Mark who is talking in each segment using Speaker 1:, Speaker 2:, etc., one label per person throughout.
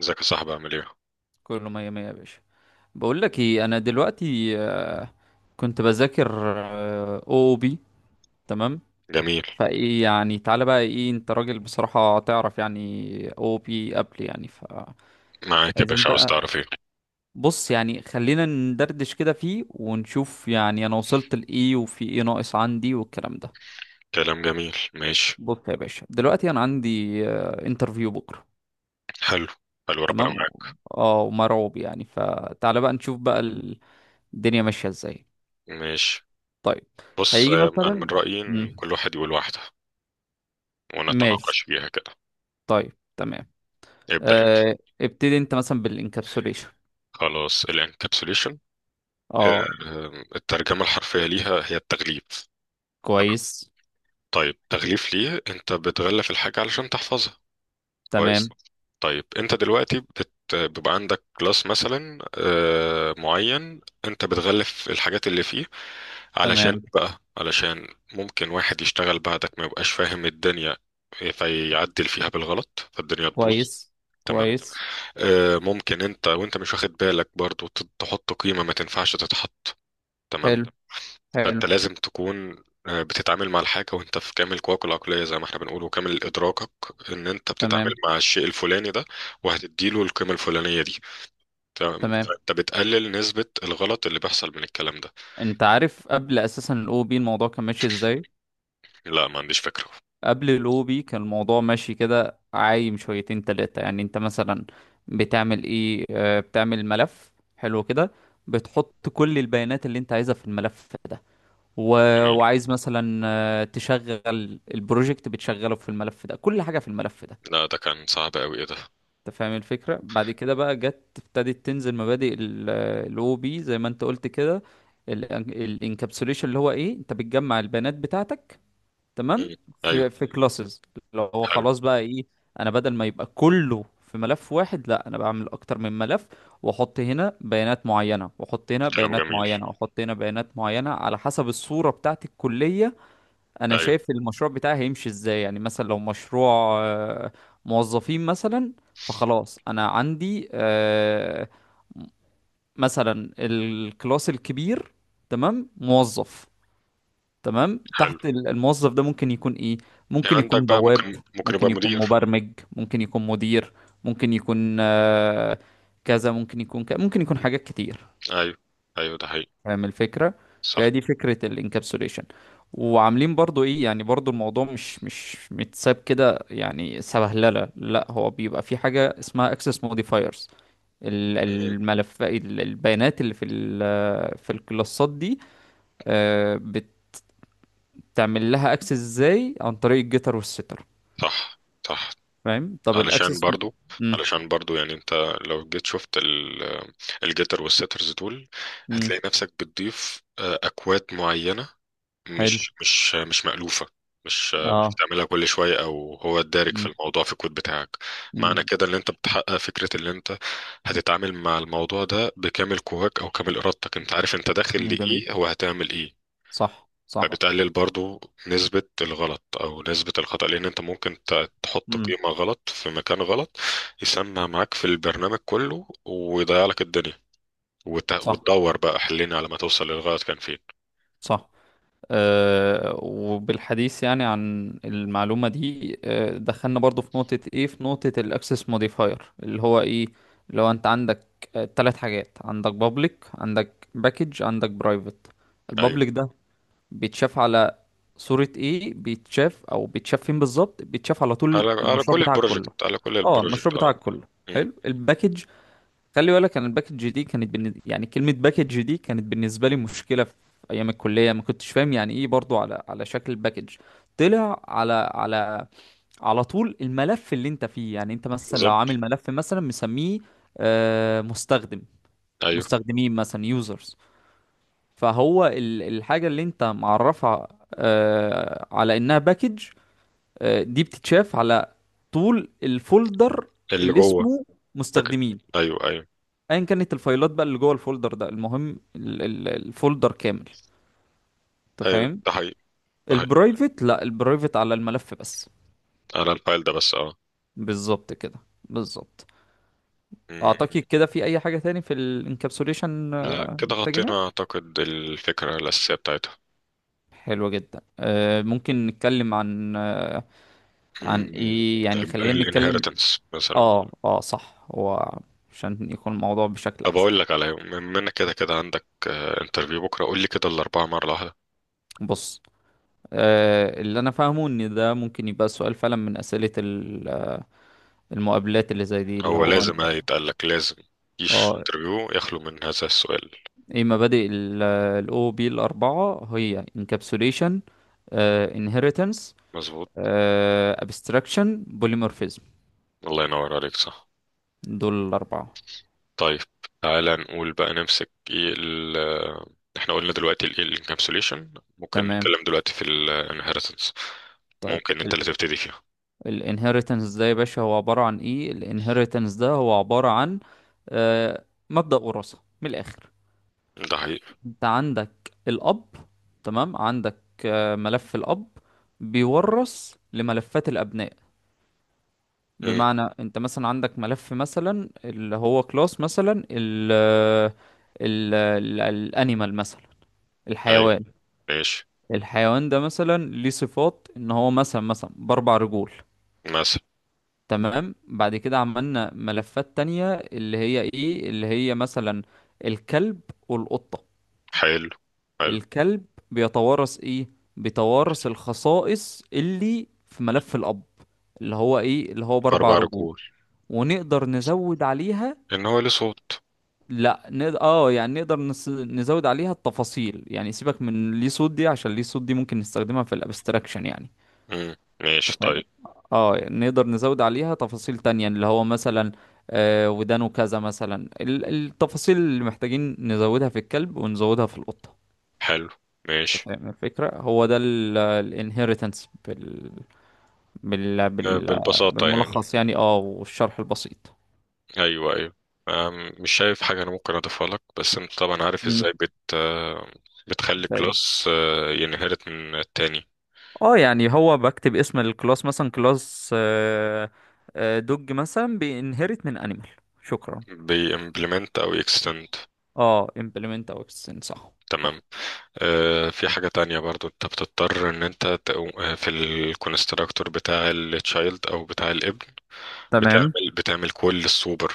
Speaker 1: ازيك يا صاحبي، عامل ايه؟
Speaker 2: كله مية مية يا باشا. بقول لك ايه، انا دلوقتي كنت بذاكر او بي، تمام.
Speaker 1: جميل.
Speaker 2: فايه يعني، تعالى بقى، ايه انت راجل بصراحة تعرف يعني، او بي قبل يعني فعايزين
Speaker 1: معاك يا باشا، عاوز
Speaker 2: بقى.
Speaker 1: تعرف ايه؟
Speaker 2: بص يعني، خلينا ندردش كده فيه ونشوف يعني انا وصلت لايه وفي ايه ناقص عندي والكلام ده.
Speaker 1: كلام جميل. ماشي.
Speaker 2: بص يا باشا، دلوقتي انا عندي انترفيو بكرة،
Speaker 1: حلو، حلو. ربنا
Speaker 2: تمام.
Speaker 1: معاك.
Speaker 2: اه ومرعوب يعني، فتعالى بقى نشوف بقى الدنيا ماشية ازاي.
Speaker 1: ماشي.
Speaker 2: طيب.
Speaker 1: بص،
Speaker 2: هيجي
Speaker 1: انا من
Speaker 2: مثلا.
Speaker 1: رأيي ان
Speaker 2: مم.
Speaker 1: كل واحد يقول واحدة
Speaker 2: ماشي.
Speaker 1: ونتناقش فيها كده.
Speaker 2: طيب. تمام.
Speaker 1: ابدأ انت.
Speaker 2: آه ابتدي انت مثلا بالانكابسوليشن.
Speaker 1: خلاص، الانكابسوليشن
Speaker 2: اه.
Speaker 1: الترجمة الحرفية ليها هي التغليف.
Speaker 2: كويس.
Speaker 1: طيب، تغليف ليه؟ انت بتغلف الحاجة علشان تحفظها.
Speaker 2: تمام.
Speaker 1: كويس. طيب انت دلوقتي بيبقى عندك كلاس مثلا معين، انت بتغلف الحاجات اللي فيه علشان
Speaker 2: تمام.
Speaker 1: بقى علشان ممكن واحد يشتغل بعدك ما يبقاش فاهم الدنيا فيعدل فيها بالغلط فالدنيا تبوظ.
Speaker 2: كويس.
Speaker 1: تمام.
Speaker 2: كويس.
Speaker 1: ممكن انت وانت مش واخد بالك برضو تحط قيمة ما تنفعش تتحط. تمام.
Speaker 2: حلو. حلو.
Speaker 1: فانت لازم تكون بتتعامل مع الحاجة وانت في كامل قواك العقلية، زي ما احنا بنقول، وكامل ادراكك ان انت بتتعامل
Speaker 2: تمام.
Speaker 1: مع الشيء الفلاني ده وهتديله القيمة الفلانية دي. تمام.
Speaker 2: تمام.
Speaker 1: فانت بتقلل نسبة الغلط اللي بيحصل من الكلام ده.
Speaker 2: انت عارف قبل اساسا الاو بي الموضوع كان ماشي ازاي؟
Speaker 1: لا، ما عنديش فكرة.
Speaker 2: قبل الاو بي كان الموضوع ماشي كده، عايم شويتين تلاتة. يعني انت مثلا بتعمل ايه؟ آه بتعمل ملف، حلو كده، بتحط كل البيانات اللي انت عايزها في الملف ده، و...
Speaker 1: جميل.
Speaker 2: وعايز مثلا تشغل البروجكت، بتشغله في الملف ده، كل حاجة في الملف ده.
Speaker 1: لا، ده كان صعب قوي. ايه ده؟
Speaker 2: انت فاهم الفكرة. بعد كده بقى جت، ابتدت تنزل مبادئ الاو بي زي ما انت قلت كده. الانكابسوليشن اللي هو ايه؟ انت بتجمع البيانات بتاعتك، تمام،
Speaker 1: مم. ايوه.
Speaker 2: في كلاسز. لو هو
Speaker 1: حلو.
Speaker 2: خلاص بقى ايه، انا بدل ما يبقى كله في ملف واحد، لا، انا بعمل اكتر من ملف، واحط هنا بيانات معينة، واحط هنا
Speaker 1: كلام
Speaker 2: بيانات
Speaker 1: جميل.
Speaker 2: معينة، واحط هنا بيانات معينة، على حسب الصورة بتاعت الكلية. انا
Speaker 1: ايوه.
Speaker 2: شايف المشروع بتاعي هيمشي ازاي، يعني مثلا لو مشروع آه، موظفين مثلا، فخلاص انا عندي مثلا الكلاس الكبير تمام، موظف تمام.
Speaker 1: حلو.
Speaker 2: تحت الموظف ده ممكن يكون ايه؟
Speaker 1: يعني
Speaker 2: ممكن
Speaker 1: عندك
Speaker 2: يكون
Speaker 1: بقى،
Speaker 2: بواب،
Speaker 1: ممكن
Speaker 2: ممكن
Speaker 1: يبقى
Speaker 2: يكون
Speaker 1: مدير.
Speaker 2: مبرمج، ممكن يكون مدير، ممكن يكون كذا، ممكن يكون كذا، ممكن يكون حاجات كتير.
Speaker 1: ايوه، ايوه، ده حقيقي.
Speaker 2: فاهم الفكرة.
Speaker 1: صح.
Speaker 2: فدي فكرة الانكابسوليشن. وعاملين برضو ايه يعني، برضو الموضوع مش مش متساب كده يعني، سبهللة. لا، هو بيبقى في حاجة اسمها access modifiers.
Speaker 1: مم.
Speaker 2: الملف، البيانات اللي في في الكلاسات دي آه، بتعمل لها access ازاي؟ عن طريق الجيتر والستر.
Speaker 1: صح، صح.
Speaker 2: فاهم؟ طب
Speaker 1: علشان
Speaker 2: الاكسس.
Speaker 1: برضو
Speaker 2: امم.
Speaker 1: علشان برضو يعني انت لو جيت شفت الجيتر والسيترز دول
Speaker 2: امم.
Speaker 1: هتلاقي نفسك بتضيف اكواد معينة
Speaker 2: حلو.
Speaker 1: مش مألوفة، مش
Speaker 2: اه.
Speaker 1: بتعملها كل شوية او هو الدارج في
Speaker 2: امم.
Speaker 1: الموضوع في الكود بتاعك.
Speaker 2: امم.
Speaker 1: معنى كده ان انت بتحقق فكرة ان انت هتتعامل مع الموضوع ده بكامل قواك او كامل ارادتك، انت عارف انت داخل
Speaker 2: جميل.
Speaker 1: لايه، هو هتعمل ايه.
Speaker 2: صح. صح.
Speaker 1: فبتقلل برضو نسبة الغلط أو نسبة الخطأ، لأن أنت ممكن تحط
Speaker 2: امم.
Speaker 1: قيمة غلط في مكان غلط يسمع معاك في البرنامج كله ويضيع لك الدنيا،
Speaker 2: صح.
Speaker 1: وتدور بقى حلين على ما توصل للغلط كان فين.
Speaker 2: صح. وبالحديث يعني عن المعلومة دي، دخلنا برضو في نقطة ايه، في نقطة الاكسس موديفاير اللي هو ايه. لو انت عندك ثلاث حاجات، عندك بابليك، عندك باكج، عندك برايفت.
Speaker 1: أيوه.
Speaker 2: البابليك ده بيتشاف على صورة ايه؟ بيتشاف، او بيتشاف فين بالظبط؟ بيتشاف على طول
Speaker 1: على
Speaker 2: المشروع
Speaker 1: كل
Speaker 2: بتاعك كله.
Speaker 1: البروجكت، على كل
Speaker 2: اه،
Speaker 1: البروجكت،
Speaker 2: المشروع
Speaker 1: أه.
Speaker 2: بتاعك كله.
Speaker 1: مم.
Speaker 2: حلو. الباكج، خلي بالك، انا الباكج دي كانت يعني كلمه باكج دي كانت بالنسبه لي مشكله في ايام الكليه، ما كنتش فاهم يعني ايه برضو، على شكل باكج. طلع على على طول الملف اللي انت فيه. يعني انت مثلا لو
Speaker 1: بالظبط.
Speaker 2: عامل ملف مثلا مسميه مستخدم،
Speaker 1: أيوه.
Speaker 2: مستخدمين مثلا، يوزرز، فهو الحاجه اللي انت معرفها على انها باكج، دي بتتشاف على طول الفولدر
Speaker 1: اللي
Speaker 2: اللي
Speaker 1: جوه.
Speaker 2: اسمه
Speaker 1: لكن-
Speaker 2: مستخدمين.
Speaker 1: أيوه، أيوه.
Speaker 2: ايا كانت الفايلات بقى اللي جوه الفولدر ده، المهم الفولدر كامل. انت
Speaker 1: أيوه،
Speaker 2: فاهم.
Speaker 1: ده حقيقي. ده حقيقي.
Speaker 2: البرايفت، لا، البرايفت على الملف بس.
Speaker 1: على الفايل ده بس، أه.
Speaker 2: بالظبط كده، بالظبط.
Speaker 1: مم.
Speaker 2: اعتقد كده، في اي حاجة تاني في الانكابسوليشن
Speaker 1: لا، كده
Speaker 2: محتاجينها؟
Speaker 1: غطينا أعتقد الفكرة الأساسية بتاعتها.
Speaker 2: حلوة جدا. ممكن نتكلم عن عن
Speaker 1: مم.
Speaker 2: ايه يعني، خلينا نتكلم.
Speaker 1: الانهيرتنس مثلا.
Speaker 2: اه. اه. صح. هو عشان يكون الموضوع بشكل
Speaker 1: طب
Speaker 2: احسن.
Speaker 1: اقول لك، على بما انك كده كده عندك انترفيو بكره، قول لي كده الاربعه مره واحده.
Speaker 2: بص، اللي انا فاهمه ان ده ممكن يبقى سؤال فعلا من اسئلة المقابلات اللي زي دي، اللي
Speaker 1: هو
Speaker 2: هو
Speaker 1: لازم
Speaker 2: انت.
Speaker 1: هيتقال لك، لازم. مفيش
Speaker 2: اه.
Speaker 1: انترفيو يخلو من هذا السؤال.
Speaker 2: ايه مبادئ الاو بي الاربعه؟ هي انكابسوليشن، انهيرتنس،
Speaker 1: مظبوط.
Speaker 2: ابستراكشن، بوليمورفيزم.
Speaker 1: الله ينور عليك، صح.
Speaker 2: دول الاربعه.
Speaker 1: طيب تعالى نقول بقى، نمسك ايه ال آه، احنا قلنا دلوقتي الايه الانكابسوليشن، ممكن
Speaker 2: تمام.
Speaker 1: نتكلم دلوقتي في الانهيرتنس.
Speaker 2: طيب.
Speaker 1: ممكن انت اللي تبتدي فيها.
Speaker 2: الانهيرتنس ده يا باشا هو عباره عن ايه؟ الانهيرتنس ده هو عباره عن آه، مبدأ وراثة من الآخر.
Speaker 1: ده حقيقي.
Speaker 2: انت عندك الأب، تمام، عندك ملف الأب بيورث لملفات الأبناء.
Speaker 1: مم.
Speaker 2: بمعنى انت مثلا عندك ملف مثلا اللي هو كلاس مثلا ال الانيمال مثلا،
Speaker 1: ايوه.
Speaker 2: الحيوان.
Speaker 1: ماشي.
Speaker 2: الحيوان ده مثلا ليه صفات ان هو مثلا مثلا باربع رجول،
Speaker 1: مثلا.
Speaker 2: تمام. بعد كده عملنا ملفات تانية اللي هي ايه، اللي هي مثلا الكلب والقطة.
Speaker 1: حلو، حلو.
Speaker 2: الكلب بيتوارث ايه؟ بيتوارث الخصائص اللي في ملف الاب، اللي هو ايه، اللي هو باربع
Speaker 1: اربع
Speaker 2: رجول،
Speaker 1: رجول.
Speaker 2: ونقدر نزود عليها.
Speaker 1: ان هو ليه صوت.
Speaker 2: لا نقدر، اه يعني نقدر نزود عليها التفاصيل. يعني سيبك من ليه صوت دي، عشان ليه صوت دي ممكن نستخدمها في الابستراكشن يعني.
Speaker 1: مم. ماشي.
Speaker 2: انت فاهم.
Speaker 1: طيب.
Speaker 2: اه يعني نقدر نزود عليها تفاصيل تانية، اللي هو مثلا آه ودانه كذا مثلا، التفاصيل اللي محتاجين نزودها في الكلب ونزودها في القطة.
Speaker 1: حلو.
Speaker 2: انت
Speaker 1: ماشي.
Speaker 2: فاهم الفكرة. هو ده الانهيرتنس بال... بال...
Speaker 1: بالبساطة يعني.
Speaker 2: بالملخص يعني، اه، والشرح البسيط.
Speaker 1: أيوه، أيوه. مش شايف حاجة أنا ممكن أضيفها لك، بس أنت طبعا عارف إزاي
Speaker 2: مم.
Speaker 1: بت آه، بتخلي
Speaker 2: ده
Speaker 1: كلاس ينهرت من التاني.
Speaker 2: اه يعني هو بكتب اسم الكلاس مثلا كلاس دوج مثلا بينهرت من انيمال. شكرا.
Speaker 1: بيمبلمنت أو يكستند.
Speaker 2: اه، implement او extend، صح. صح.
Speaker 1: تمام. في حاجة تانية برضو، أنت بتضطر إن أنت في الكونستراكتور بتاع التشايلد أو بتاع الابن
Speaker 2: تمام.
Speaker 1: بتعمل كل السوبر.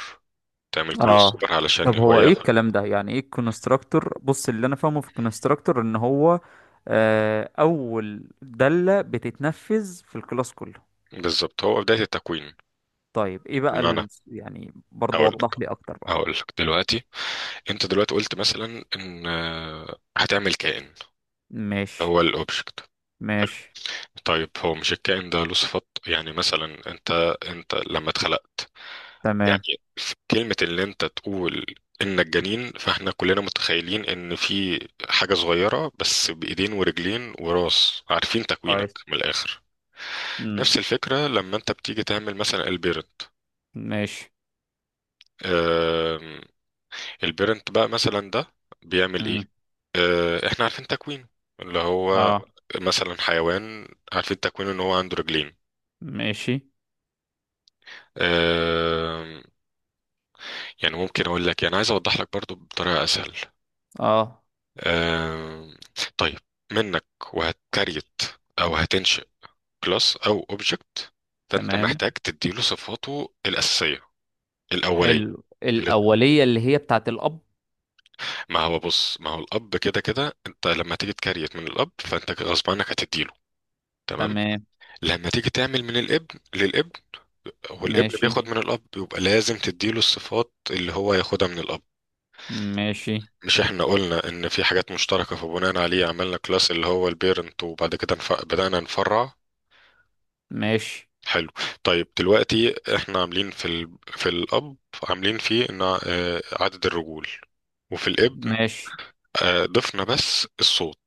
Speaker 1: تعمل كل
Speaker 2: اه
Speaker 1: السوبر علشان
Speaker 2: طب
Speaker 1: هو
Speaker 2: هو ايه
Speaker 1: ياخد.
Speaker 2: الكلام ده، يعني ايه الكونستراكتور؟ بص، اللي انا فاهمه في الكونستراكتور ان هو اول دالة بتتنفذ في الكلاس كله.
Speaker 1: بالظبط، هو بداية التكوين.
Speaker 2: طيب ايه بقى
Speaker 1: بمعنى،
Speaker 2: يعني برضو
Speaker 1: هقول لك
Speaker 2: وضح لي اكتر بقى.
Speaker 1: هقول لك دلوقتي انت دلوقتي قلت مثلا ان هتعمل كائن. هو
Speaker 2: ماشي.
Speaker 1: الاوبجكت. حلو.
Speaker 2: ماشي.
Speaker 1: طيب هو مش الكائن ده له صفات؟ يعني مثلا انت لما اتخلقت،
Speaker 2: تمام.
Speaker 1: يعني في كلمة اللي انت تقول انك جنين، فاحنا كلنا متخيلين ان في حاجة صغيرة بس بايدين ورجلين وراس، عارفين تكوينك
Speaker 2: كويس.
Speaker 1: من الاخر.
Speaker 2: امم.
Speaker 1: نفس الفكرة لما انت بتيجي تعمل مثلا البيرنت.
Speaker 2: ماشي.
Speaker 1: آم، البيرنت بقى مثلا ده بيعمل ايه؟
Speaker 2: امم.
Speaker 1: احنا عارفين تكوينه اللي هو
Speaker 2: اه.
Speaker 1: مثلا حيوان، عارفين تكوينه ان هو عنده رجلين.
Speaker 2: ماشي.
Speaker 1: آه، يعني ممكن اقول لك، يعني عايز اوضح لك برضو بطريقة اسهل.
Speaker 2: اه.
Speaker 1: آه، طيب. منك وهتكريت او هتنشئ كلاس او اوبجكت، فانت
Speaker 2: تمام.
Speaker 1: محتاج تديله صفاته الاساسية الاولية.
Speaker 2: حلو.
Speaker 1: اللي-
Speaker 2: الأولية اللي هي بتاعت الأب،
Speaker 1: ما هو بص، ما هو الاب كده كده انت لما تيجي تكريت من الاب فانت غصب عنك هتديله. تمام.
Speaker 2: تمام.
Speaker 1: لما تيجي تعمل من الابن للابن، والابن
Speaker 2: ماشي.
Speaker 1: بياخد من الاب، بيبقى لازم تديله الصفات اللي هو ياخدها من الاب.
Speaker 2: ماشي.
Speaker 1: مش احنا قلنا ان في حاجات مشتركة فبناء عليه عملنا كلاس اللي هو البيرنت، وبعد كده بدأنا نفرع.
Speaker 2: ماشي.
Speaker 1: حلو. طيب دلوقتي احنا عاملين في الاب، عاملين فيه ان عدد الرجول، وفي الابن
Speaker 2: ماشي.
Speaker 1: ضفنا بس الصوت،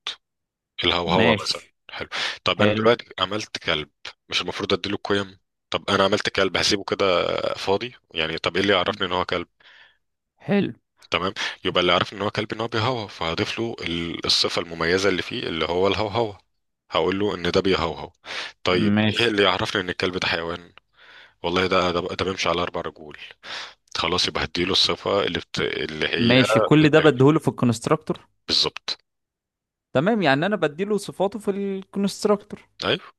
Speaker 1: الهوهوة مثلا.
Speaker 2: ماشي.
Speaker 1: حلو. طب انا
Speaker 2: حلو.
Speaker 1: دلوقتي عملت كلب، مش المفروض اديله القيم؟ طب انا عملت كلب هسيبه كده فاضي يعني؟ طب ايه اللي يعرفني ان هو كلب؟
Speaker 2: حلو.
Speaker 1: تمام، يبقى اللي عارف ان هو كلب ان هو بيهوهو، فهضيف له الصفة المميزة اللي فيه اللي هو الهوهوة، هقول له ان ده بيهوهو. طيب ايه
Speaker 2: ماشي.
Speaker 1: اللي يعرفني ان الكلب ده حيوان؟ والله ده بيمشي على اربع رجول. خلاص يبقى هديله الصفة اللي هي
Speaker 2: ماشي. كل ده
Speaker 1: بتبين.
Speaker 2: بديهوله في الكونستراكتور.
Speaker 1: بالظبط.
Speaker 2: تمام، يعني انا بديله صفاته في الكونستراكتور،
Speaker 1: ايوه.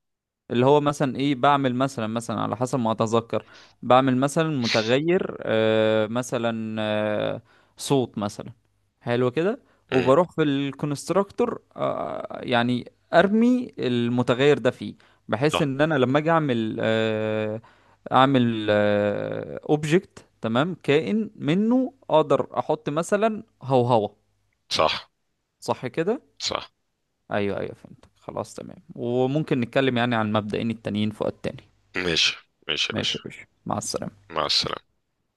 Speaker 2: اللي هو مثلا ايه، بعمل مثلا مثلا على حسب ما اتذكر، بعمل مثلا متغير آه مثلا آه صوت مثلا، حلو كده.
Speaker 1: مم.
Speaker 2: وبروح في الكونستراكتور آه يعني ارمي المتغير ده فيه، بحيث
Speaker 1: صح،
Speaker 2: ان انا لما اجي اعمل آه اعمل اوبجكت، تمام، كائن منه اقدر احط مثلا هوهوة.
Speaker 1: صح،
Speaker 2: صح كده؟
Speaker 1: صح.
Speaker 2: ايوه، ايوه، فهمت، خلاص، تمام. وممكن نتكلم يعني عن مبدئين التانيين في وقت تاني.
Speaker 1: ماشي. ماشي يا
Speaker 2: ماشي
Speaker 1: باشا،
Speaker 2: يا باشا، مع السلامة.
Speaker 1: مع السلامة.